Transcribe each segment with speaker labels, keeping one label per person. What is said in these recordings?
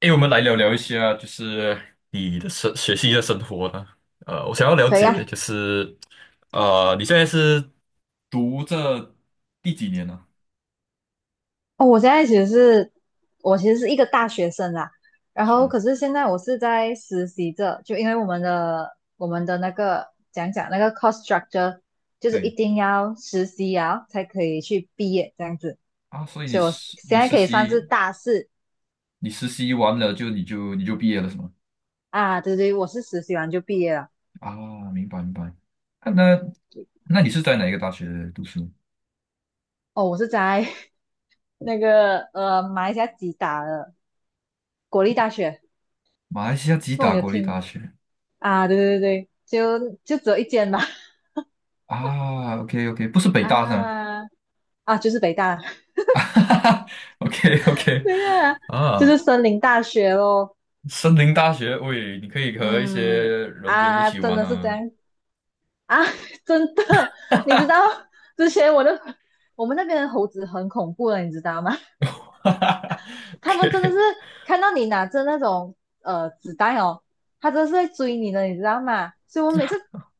Speaker 1: 诶，我们来聊聊一下，就是你的学习的生活呢。我想要了
Speaker 2: 可以啊。
Speaker 1: 解，就是你现在是读这第几年呢？
Speaker 2: 哦，我现在其实是，我其实是一个大学生啦，然后
Speaker 1: 是，
Speaker 2: 可是现在我是在实习着，就因为我们的那个讲讲那个 cost structure，就是一
Speaker 1: 对
Speaker 2: 定要实习啊才可以去毕业这样子，
Speaker 1: 啊。所以你
Speaker 2: 所以我
Speaker 1: 实
Speaker 2: 现
Speaker 1: 你
Speaker 2: 在
Speaker 1: 实
Speaker 2: 可以算是
Speaker 1: 习
Speaker 2: 大四
Speaker 1: 你实习完了就你就毕业了是吗？
Speaker 2: 啊。对对，我是实习完就毕业了。
Speaker 1: 啊，明白明白。啊，那你是在哪一个大学读书？
Speaker 2: 哦，我是在 那个马来西亚吉打的国立大学。
Speaker 1: 马来西亚吉
Speaker 2: 那我
Speaker 1: 打
Speaker 2: 有
Speaker 1: 国立
Speaker 2: 听。
Speaker 1: 大学。
Speaker 2: 啊，对对对对，就就只有一间吧。
Speaker 1: 啊，OK OK，不是 北大是吗
Speaker 2: 啊啊，就是北大。
Speaker 1: ？OK OK，
Speaker 2: 对呀，
Speaker 1: 啊，OK，OK
Speaker 2: 就是
Speaker 1: 啊，
Speaker 2: 森林大学咯。
Speaker 1: 森林大学，喂，你可以和一些
Speaker 2: 嗯，
Speaker 1: 人员一
Speaker 2: 啊，
Speaker 1: 起
Speaker 2: 真
Speaker 1: 玩
Speaker 2: 的是这
Speaker 1: 啊。
Speaker 2: 样啊，真的。你知道之前我们那边的猴子很恐怖的，你知道吗？
Speaker 1: 哈哈哈
Speaker 2: 他们真的
Speaker 1: ，OK，
Speaker 2: 是看到你拿着那种纸袋哦，他真的是在追你的，你知道吗？所以我每次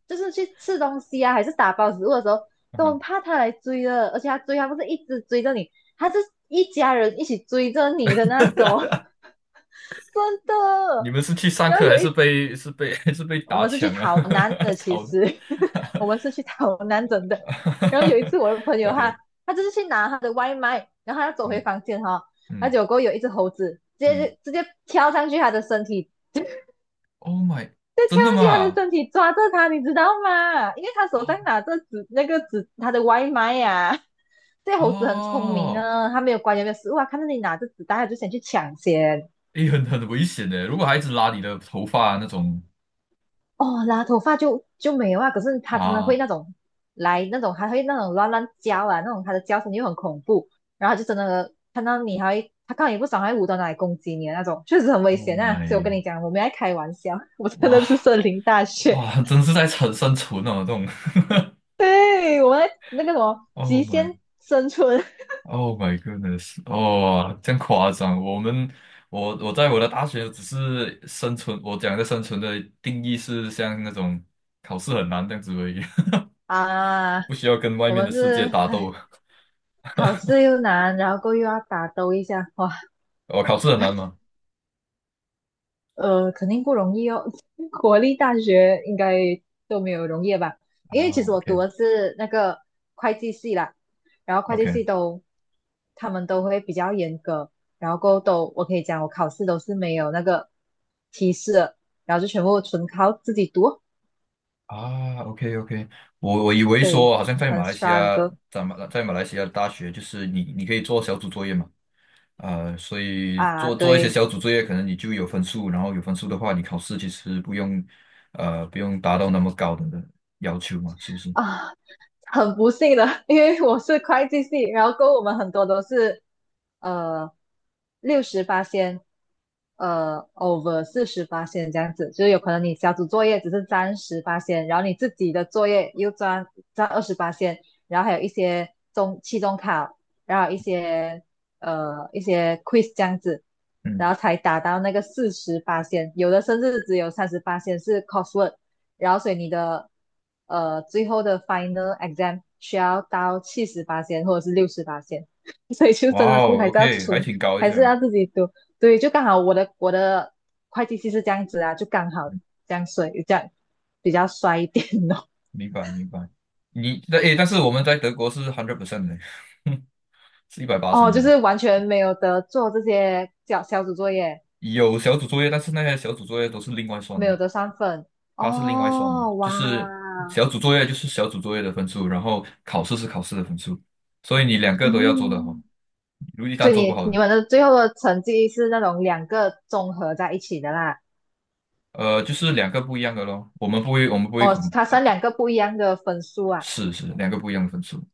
Speaker 2: 就是去吃东西啊，还是打包食物的时候，都很
Speaker 1: 嗯，
Speaker 2: 怕他来追的，而且他追他不是一直追着你，他是一家人一起追着你的那种，真
Speaker 1: 你
Speaker 2: 的。
Speaker 1: 们是去上
Speaker 2: 然后
Speaker 1: 课还
Speaker 2: 有一
Speaker 1: 是被 还是被
Speaker 2: 我
Speaker 1: 打
Speaker 2: 们是去
Speaker 1: 抢啊？
Speaker 2: 逃难的，其
Speaker 1: 讨论
Speaker 2: 实 我们是去逃难真的。然后有一 次我的朋友
Speaker 1: ，OK，
Speaker 2: 他他就是去拿他的外卖，然后他要走回
Speaker 1: 嗯
Speaker 2: 房间哈，哦，然后
Speaker 1: 嗯
Speaker 2: 结果有一只猴子直
Speaker 1: 嗯
Speaker 2: 接直接跳上去他的身体，
Speaker 1: ，Oh my，
Speaker 2: 就跳
Speaker 1: 真的
Speaker 2: 上去他的
Speaker 1: 吗？
Speaker 2: 身体抓着他，你知道吗？因为他手上
Speaker 1: 哦
Speaker 2: 拿着纸那个纸，他的外卖呀，啊 这猴子很聪明
Speaker 1: 哦，
Speaker 2: 啊，他没有关有没有食物啊，看到你拿着纸袋，他就想去抢先。
Speaker 1: 诶，很危险的，如果孩子拉你的头发那种
Speaker 2: 哦，拉头发就没有啊，可是它真的会
Speaker 1: 啊
Speaker 2: 那种来那种，还会那种乱乱叫啊，那种它的叫声就很恐怖，然后它就真的看到你还会，它看到你不爽还会舞到哪里攻击你的那种，确实很危
Speaker 1: ，Oh
Speaker 2: 险啊。所以我跟
Speaker 1: my，
Speaker 2: 你讲，我没在开玩笑，我真的
Speaker 1: 哇
Speaker 2: 是森林大学。
Speaker 1: 哇，真是在生存哦，这种
Speaker 2: 对，我们在那个什么
Speaker 1: ，Oh
Speaker 2: 极
Speaker 1: my。
Speaker 2: 限生存
Speaker 1: Oh my goodness！哦，这样夸张。我们，我在我的大学只是生存，我讲的生存的定义是像那种考试很难这样子而已。
Speaker 2: 啊，
Speaker 1: 不需要跟外
Speaker 2: 我
Speaker 1: 面的
Speaker 2: 们
Speaker 1: 世界
Speaker 2: 是
Speaker 1: 打斗。
Speaker 2: 唉，考试又难，然后过后又要打斗一下，哇。
Speaker 1: 我考试很难吗？
Speaker 2: 肯定不容易哦。国立大学应该都没有容易吧？
Speaker 1: 啊
Speaker 2: 因为其实我读
Speaker 1: ，OK
Speaker 2: 的是那个会计系啦，然后会计
Speaker 1: OK。
Speaker 2: 系都，他们都会比较严格，然后过后都我可以讲我考试都是没有那个提示的，然后就全部纯靠自己读，
Speaker 1: 啊，OK OK，我以为
Speaker 2: 所以
Speaker 1: 说好像在
Speaker 2: 很
Speaker 1: 马来西亚，
Speaker 2: struggle
Speaker 1: 在马来西亚的大学就是你可以做小组作业嘛。呃，所以
Speaker 2: 啊。
Speaker 1: 做做一些
Speaker 2: 对。
Speaker 1: 小组作业，可能你就有分数，然后有分数的话，你考试其实不用，不用达到那么高的要求嘛，是不是？
Speaker 2: 啊，很不幸的，因为我是会计系，然后跟我们很多都是呃68仙，over 48仙这样子，就是有可能你小组作业只是占十八仙，然后你自己的作业又占，占28仙，然后还有一些中期中考，然后一些一些 quiz 这样子，然
Speaker 1: 嗯，
Speaker 2: 后才达到那个四十八仙，有的甚至只有38仙是 coursework。然后所以你的最后的 final exam 需要到78线或者是68线，所以就
Speaker 1: 哇
Speaker 2: 真的是
Speaker 1: 哦
Speaker 2: 还是要
Speaker 1: ，OK，还
Speaker 2: 从，
Speaker 1: 挺高一
Speaker 2: 还是
Speaker 1: 下，
Speaker 2: 要自己读。对，就刚好我的会计系是这样子啊，就刚好这样比较衰一点哦。
Speaker 1: 明白明白。诶，但是我们在德国是 hundred percent 的，是一百 八十
Speaker 2: 哦，
Speaker 1: 的
Speaker 2: 就
Speaker 1: 嘞。
Speaker 2: 是完全没有得做这些小，小组作业，
Speaker 1: 有小组作业，但是那些小组作业都是另外算
Speaker 2: 没
Speaker 1: 的，
Speaker 2: 有得上分。
Speaker 1: 它是另外算的，
Speaker 2: 哦，哇，
Speaker 1: 就是小组作业就是小组作业的分数，然后考试是考试的分数，所以你两个都要做得好，
Speaker 2: 嗯，
Speaker 1: 如一
Speaker 2: 所
Speaker 1: 旦
Speaker 2: 以
Speaker 1: 做不
Speaker 2: 你
Speaker 1: 好。
Speaker 2: 你们的最后的成绩是那种两个综合在一起的啦。
Speaker 1: 呃，就是两个不一样的咯。我们不会
Speaker 2: 哦，
Speaker 1: 恐，
Speaker 2: 它算两个不一样的分数啊。
Speaker 1: 是两个不一样的分数。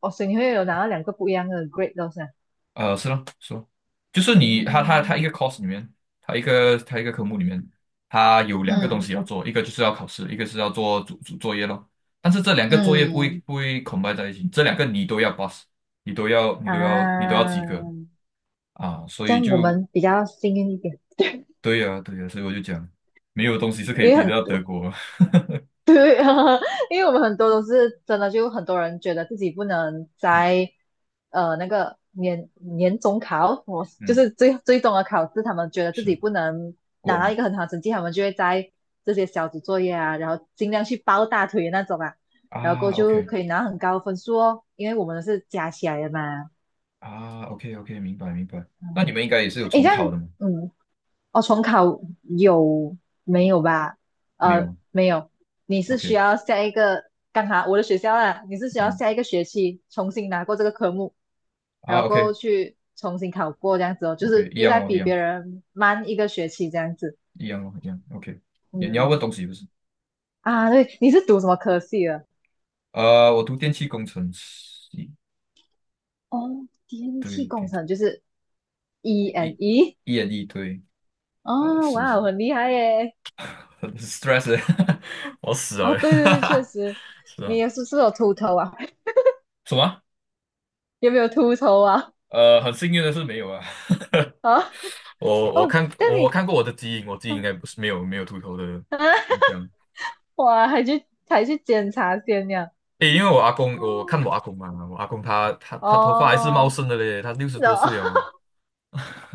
Speaker 2: 哦，所以你会有拿到两个不一样的 grade 都是啊。
Speaker 1: 是咯，是咯，就是你，他
Speaker 2: 嗯
Speaker 1: 一个 course 里面，他一个科目里面，他有两个东
Speaker 2: 嗯
Speaker 1: 西要做，一个就是要考试，一个是要做主作业咯。但是这两个作业不会
Speaker 2: 嗯。
Speaker 1: 不会 c o 在一起，这两个你都要 pass，你都要及格
Speaker 2: 啊，
Speaker 1: 啊。所
Speaker 2: 这
Speaker 1: 以
Speaker 2: 样我
Speaker 1: 就
Speaker 2: 们比较幸运一点，
Speaker 1: 对呀、对呀、所以我就讲，没有东西是可以
Speaker 2: 因为
Speaker 1: 比得
Speaker 2: 很
Speaker 1: 到德
Speaker 2: 多
Speaker 1: 国。
Speaker 2: 对啊，因为我们很多都是真的，就很多人觉得自己不能在那个年中考，我 就
Speaker 1: 嗯，
Speaker 2: 是最终的考试，他们觉得自己
Speaker 1: 是
Speaker 2: 不能
Speaker 1: 过
Speaker 2: 拿到一
Speaker 1: 吗？
Speaker 2: 个很好的成绩，他们就会在这些小组作业啊，然后尽量去抱大腿的那种啊，然后过后
Speaker 1: 啊
Speaker 2: 就
Speaker 1: ，OK。
Speaker 2: 可以拿很高的分数哦，因为我们是加起来的嘛。
Speaker 1: 啊，OK OK，明白明白。那你
Speaker 2: 嗯，
Speaker 1: 们应该也是有
Speaker 2: 诶，
Speaker 1: 重
Speaker 2: 这样，
Speaker 1: 考的吗？
Speaker 2: 嗯，哦，重考有没有吧？
Speaker 1: 没有吗
Speaker 2: 没有，你是需
Speaker 1: ？OK，
Speaker 2: 要下一个，刚好我的学校啦，你是需要
Speaker 1: 嗯，
Speaker 2: 下一个学期重新拿过这个科目，然
Speaker 1: 啊
Speaker 2: 后过后
Speaker 1: ，OK
Speaker 2: 去重新考过这样子哦，就
Speaker 1: OK，
Speaker 2: 是
Speaker 1: 一
Speaker 2: 又
Speaker 1: 样
Speaker 2: 在
Speaker 1: 咯，一
Speaker 2: 比别
Speaker 1: 样
Speaker 2: 人慢一个学期这样子。
Speaker 1: 一样咯，一样。OK，你要问
Speaker 2: 嗯，
Speaker 1: 东西不是？
Speaker 2: 啊对，你是读什么科系的？
Speaker 1: 我读电气工程系，
Speaker 2: 哦，电
Speaker 1: 对
Speaker 2: 气工
Speaker 1: 对，
Speaker 2: 程就是 E and
Speaker 1: 一
Speaker 2: E。
Speaker 1: 一人一对。
Speaker 2: 哦，
Speaker 1: 是是，
Speaker 2: 哇，很厉害耶！
Speaker 1: 很 stress，欸 我死
Speaker 2: 啊，
Speaker 1: 了欸，
Speaker 2: 对对对，确实。
Speaker 1: 是
Speaker 2: 你
Speaker 1: 啊，
Speaker 2: 也是不是有秃头啊？
Speaker 1: 什么？
Speaker 2: 有没有秃头啊？
Speaker 1: 很幸运的是没有啊，
Speaker 2: 啊？
Speaker 1: 我我
Speaker 2: 哦，
Speaker 1: 看
Speaker 2: 这样
Speaker 1: 我我
Speaker 2: 你，
Speaker 1: 看过我的基因，我基因应
Speaker 2: 嗯，
Speaker 1: 该不是没有秃头的现象。
Speaker 2: 哇，还去，还去检查先呀？
Speaker 1: 诶，因为我阿公，我看
Speaker 2: 哦，
Speaker 1: 我阿公嘛，我阿公他头发还是茂
Speaker 2: 哦，
Speaker 1: 盛的嘞，他六十多
Speaker 2: 然后
Speaker 1: 岁哦。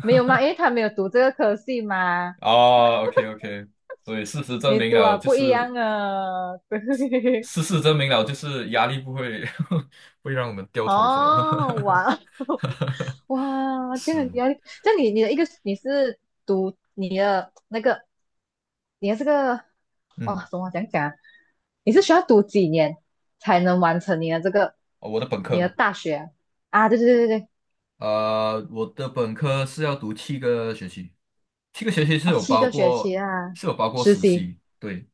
Speaker 2: 没有嘛，因 为他没有读这个科系嘛，
Speaker 1: 哦，OK OK，所以事实证
Speaker 2: 你
Speaker 1: 明
Speaker 2: 读啊
Speaker 1: 了，就
Speaker 2: 不一
Speaker 1: 是
Speaker 2: 样啊，对。
Speaker 1: 压力不会 会让我们掉头发
Speaker 2: 哦，哇，哇，这样很
Speaker 1: 是，
Speaker 2: 压力，这样你你的一个，你是读你的那个，你的这个，
Speaker 1: 嗯，
Speaker 2: 哦，怎么讲讲啊，你是需要读几年才能完成你的这个
Speaker 1: 哦，我的本科
Speaker 2: 你的
Speaker 1: 嘛。
Speaker 2: 大学啊？啊，对对对对。
Speaker 1: 呃，我的本科是要读七个学期，七个学期
Speaker 2: 哦，七个学期啊，
Speaker 1: 是有包括
Speaker 2: 实
Speaker 1: 实
Speaker 2: 习。
Speaker 1: 习，对，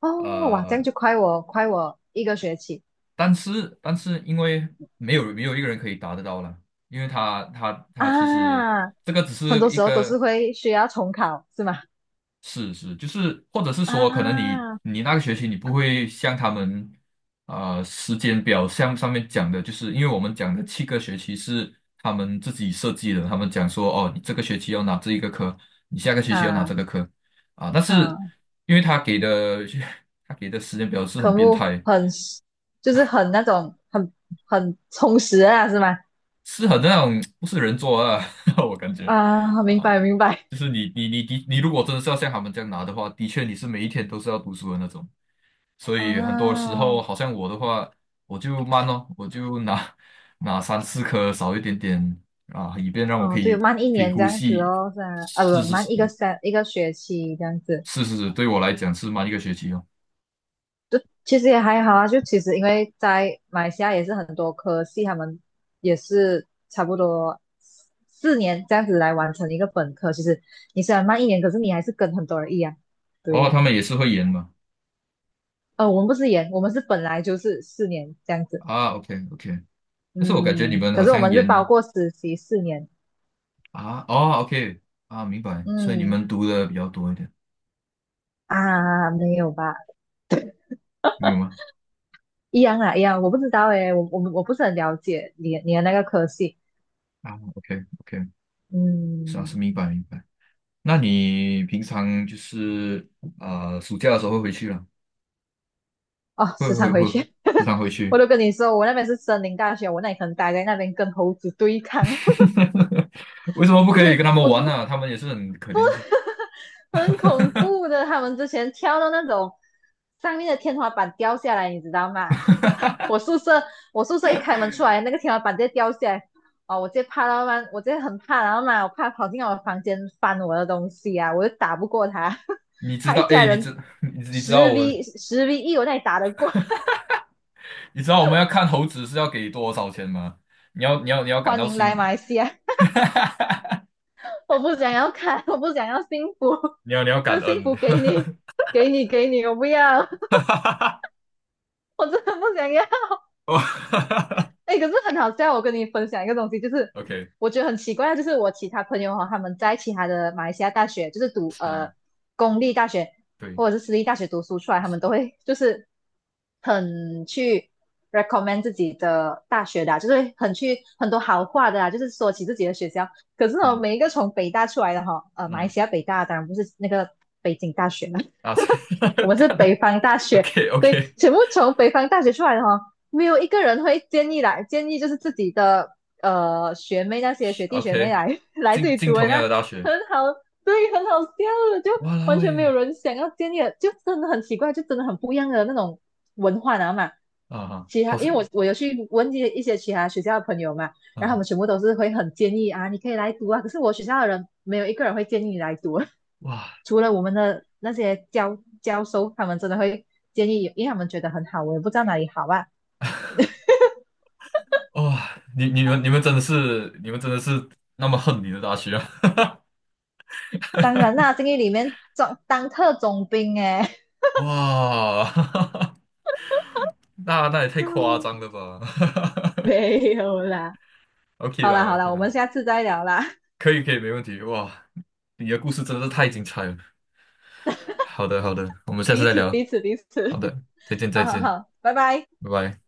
Speaker 2: 哦，哇，这样
Speaker 1: 呃。
Speaker 2: 就快我一个学期
Speaker 1: 但是因为没有一个人可以达得到了，因为他其实
Speaker 2: 啊。
Speaker 1: 这个只
Speaker 2: 很
Speaker 1: 是
Speaker 2: 多
Speaker 1: 一
Speaker 2: 时候都是
Speaker 1: 个
Speaker 2: 会需要重考，是吗？
Speaker 1: 事实，就是或者是说，可能你
Speaker 2: 啊
Speaker 1: 你那个学期你不会像他们，时间表像上面讲的，就是因为我们讲的七个学期是他们自己设计的。他们讲说哦，你这个学期要拿这一个科，你下个学期要拿这
Speaker 2: 啊
Speaker 1: 个科啊。但是
Speaker 2: 啊，
Speaker 1: 因为他给的 他给的时间表是
Speaker 2: 科
Speaker 1: 很变
Speaker 2: 目
Speaker 1: 态。
Speaker 2: 很，就是很那种很，很充实啊，是吗？
Speaker 1: 是很那种不是人做的啊。我感觉
Speaker 2: 啊，明
Speaker 1: 啊，
Speaker 2: 白明白。
Speaker 1: 就是你如果真的是要像他们这样拿的话，的确你是每一天都是要读书的那种，所以很多时
Speaker 2: 啊，
Speaker 1: 候好像我的话，我就慢哦，我就拿三四颗少一点点啊，以便让我
Speaker 2: 哦，
Speaker 1: 可
Speaker 2: 对，
Speaker 1: 以
Speaker 2: 慢一
Speaker 1: 可以
Speaker 2: 年这
Speaker 1: 呼
Speaker 2: 样子
Speaker 1: 吸，
Speaker 2: 哦，是啊，啊
Speaker 1: 是
Speaker 2: 不，
Speaker 1: 是
Speaker 2: 慢
Speaker 1: 是
Speaker 2: 一个学期这样子。
Speaker 1: 是是是对我来讲是慢1个学期哦。
Speaker 2: 其实也还好啊，就其实因为在马来西亚也是很多科系，他们也是差不多四年这样子来完成一个本科。其实你虽然慢一年，可是你还是跟很多人一样。
Speaker 1: 哦，
Speaker 2: 对。
Speaker 1: 他们也是会延嘛？
Speaker 2: 我们不是研，我们是本来就是四年这样子。
Speaker 1: 啊，OK OK。但是我感觉你
Speaker 2: 嗯，
Speaker 1: 们
Speaker 2: 可
Speaker 1: 好
Speaker 2: 是我
Speaker 1: 像
Speaker 2: 们是包
Speaker 1: 延
Speaker 2: 括实习4年。
Speaker 1: 啊。哦，OK， 啊，明白，所以你
Speaker 2: 嗯，
Speaker 1: 们读的比较多一点。
Speaker 2: 啊，没有吧？
Speaker 1: 没有吗？
Speaker 2: 一样啊，一样。我不知道诶，我我不是很了解你你的那个科系。
Speaker 1: 啊，OK OK，是啊，是
Speaker 2: 嗯，
Speaker 1: 明白明白。那你平常就是暑假的时候会回去了，
Speaker 2: 哦，
Speaker 1: 会
Speaker 2: 时常
Speaker 1: 会
Speaker 2: 回
Speaker 1: 会
Speaker 2: 去。
Speaker 1: 时常回
Speaker 2: 我
Speaker 1: 去。
Speaker 2: 都跟你说，我那边是森林大学，我那里可能待在那边跟猴子对抗，
Speaker 1: 为什么不可以跟他们
Speaker 2: 我真
Speaker 1: 玩
Speaker 2: 的
Speaker 1: 呢、他们也是很可怜的。
Speaker 2: 很恐怖的。他们之前跳到那种上面的天花板掉下来，你知道吗？我宿舍我宿舍一开门出来，那个天花板直接掉下来，哦，我直接怕到嘛，我直接很怕，然后嘛，我怕跑进我的房间翻我的东西啊，我就打不过他，
Speaker 1: 你 知
Speaker 2: 他一
Speaker 1: 道，
Speaker 2: 家
Speaker 1: 哎，你知
Speaker 2: 人
Speaker 1: 你你知道
Speaker 2: 十
Speaker 1: 我们
Speaker 2: v 十 v 一，我那里打得过。
Speaker 1: 你知道我们要看猴子是要给多少钱吗？你要 感
Speaker 2: 欢
Speaker 1: 到
Speaker 2: 迎来马
Speaker 1: 心，
Speaker 2: 来西亚。我不想要看，我不想要幸福，
Speaker 1: 你要
Speaker 2: 这
Speaker 1: 感
Speaker 2: 幸
Speaker 1: 恩。
Speaker 2: 福给你，给你，给你，我不要，
Speaker 1: 哈哈哈，
Speaker 2: 我真的不想要。
Speaker 1: 哦哈哈哈
Speaker 2: 哎，可是很好笑，我跟你分享一个东西，就是
Speaker 1: ，OK，
Speaker 2: 我觉得很奇怪，就是我其他朋友哈，他们在其他的马来西亚大学，就是读
Speaker 1: 是，
Speaker 2: 公立大学
Speaker 1: 对，
Speaker 2: 或者是私立大学读书出来，他们都
Speaker 1: 是，
Speaker 2: 会就是很去 recommend 自己的大学的啊，就是很去很多好话的啊，就是说起自己的学校。可是呢，
Speaker 1: 嗯
Speaker 2: 每一个从北大出来的哈，呃马
Speaker 1: 嗯
Speaker 2: 来
Speaker 1: 哼
Speaker 2: 西亚北大当然不是那个北京大学嘛。
Speaker 1: 啊。
Speaker 2: 我们 是
Speaker 1: 当
Speaker 2: 北
Speaker 1: 然
Speaker 2: 方大学。
Speaker 1: ，OK
Speaker 2: 对，
Speaker 1: OK。
Speaker 2: 全部从北方大学出来的哈，没有一个人会建议来，建议就是自己的学妹，那些学弟学妹
Speaker 1: OK，
Speaker 2: 来 来这
Speaker 1: 进
Speaker 2: 里
Speaker 1: 进
Speaker 2: 读的。
Speaker 1: 同
Speaker 2: 那
Speaker 1: 样的大学，
Speaker 2: 很好。对，很好笑的，就
Speaker 1: 哇啦
Speaker 2: 完全没
Speaker 1: 喂，
Speaker 2: 有人想要建议的，就真的很奇怪，就真的很不一样的那种文化，然后嘛。
Speaker 1: 啊哈，
Speaker 2: 其他，
Speaker 1: 好是
Speaker 2: 因为我有去问一些其他学校的朋友嘛，
Speaker 1: 啊
Speaker 2: 然后他
Speaker 1: 哈。
Speaker 2: 们全部都是会很建议啊，你可以来读啊。可是我学校的人没有一个人会建议你来读，
Speaker 1: 哇
Speaker 2: 除了我们的那些教授，他们真的会建议，因为他们觉得很好，我也不知道哪里好啊。
Speaker 1: 哇，你们真的是那么恨你的大学啊？
Speaker 2: 当然 啦，监狱里面总当特种兵哎。
Speaker 1: 哇，那也太夸张 了吧
Speaker 2: 没有啦。
Speaker 1: ？OK
Speaker 2: 好啦
Speaker 1: 啦
Speaker 2: 好啦，
Speaker 1: ，OK
Speaker 2: 我们
Speaker 1: 啦，
Speaker 2: 下次再聊啦。
Speaker 1: 可以可以，没问题。哇，你的故事真的是太精彩了。好的好的，我们下次
Speaker 2: 彼
Speaker 1: 再
Speaker 2: 此
Speaker 1: 聊。
Speaker 2: 彼此彼
Speaker 1: 好
Speaker 2: 此。
Speaker 1: 的，再见
Speaker 2: 好
Speaker 1: 再
Speaker 2: 好
Speaker 1: 见，
Speaker 2: 好，拜拜。
Speaker 1: 拜拜。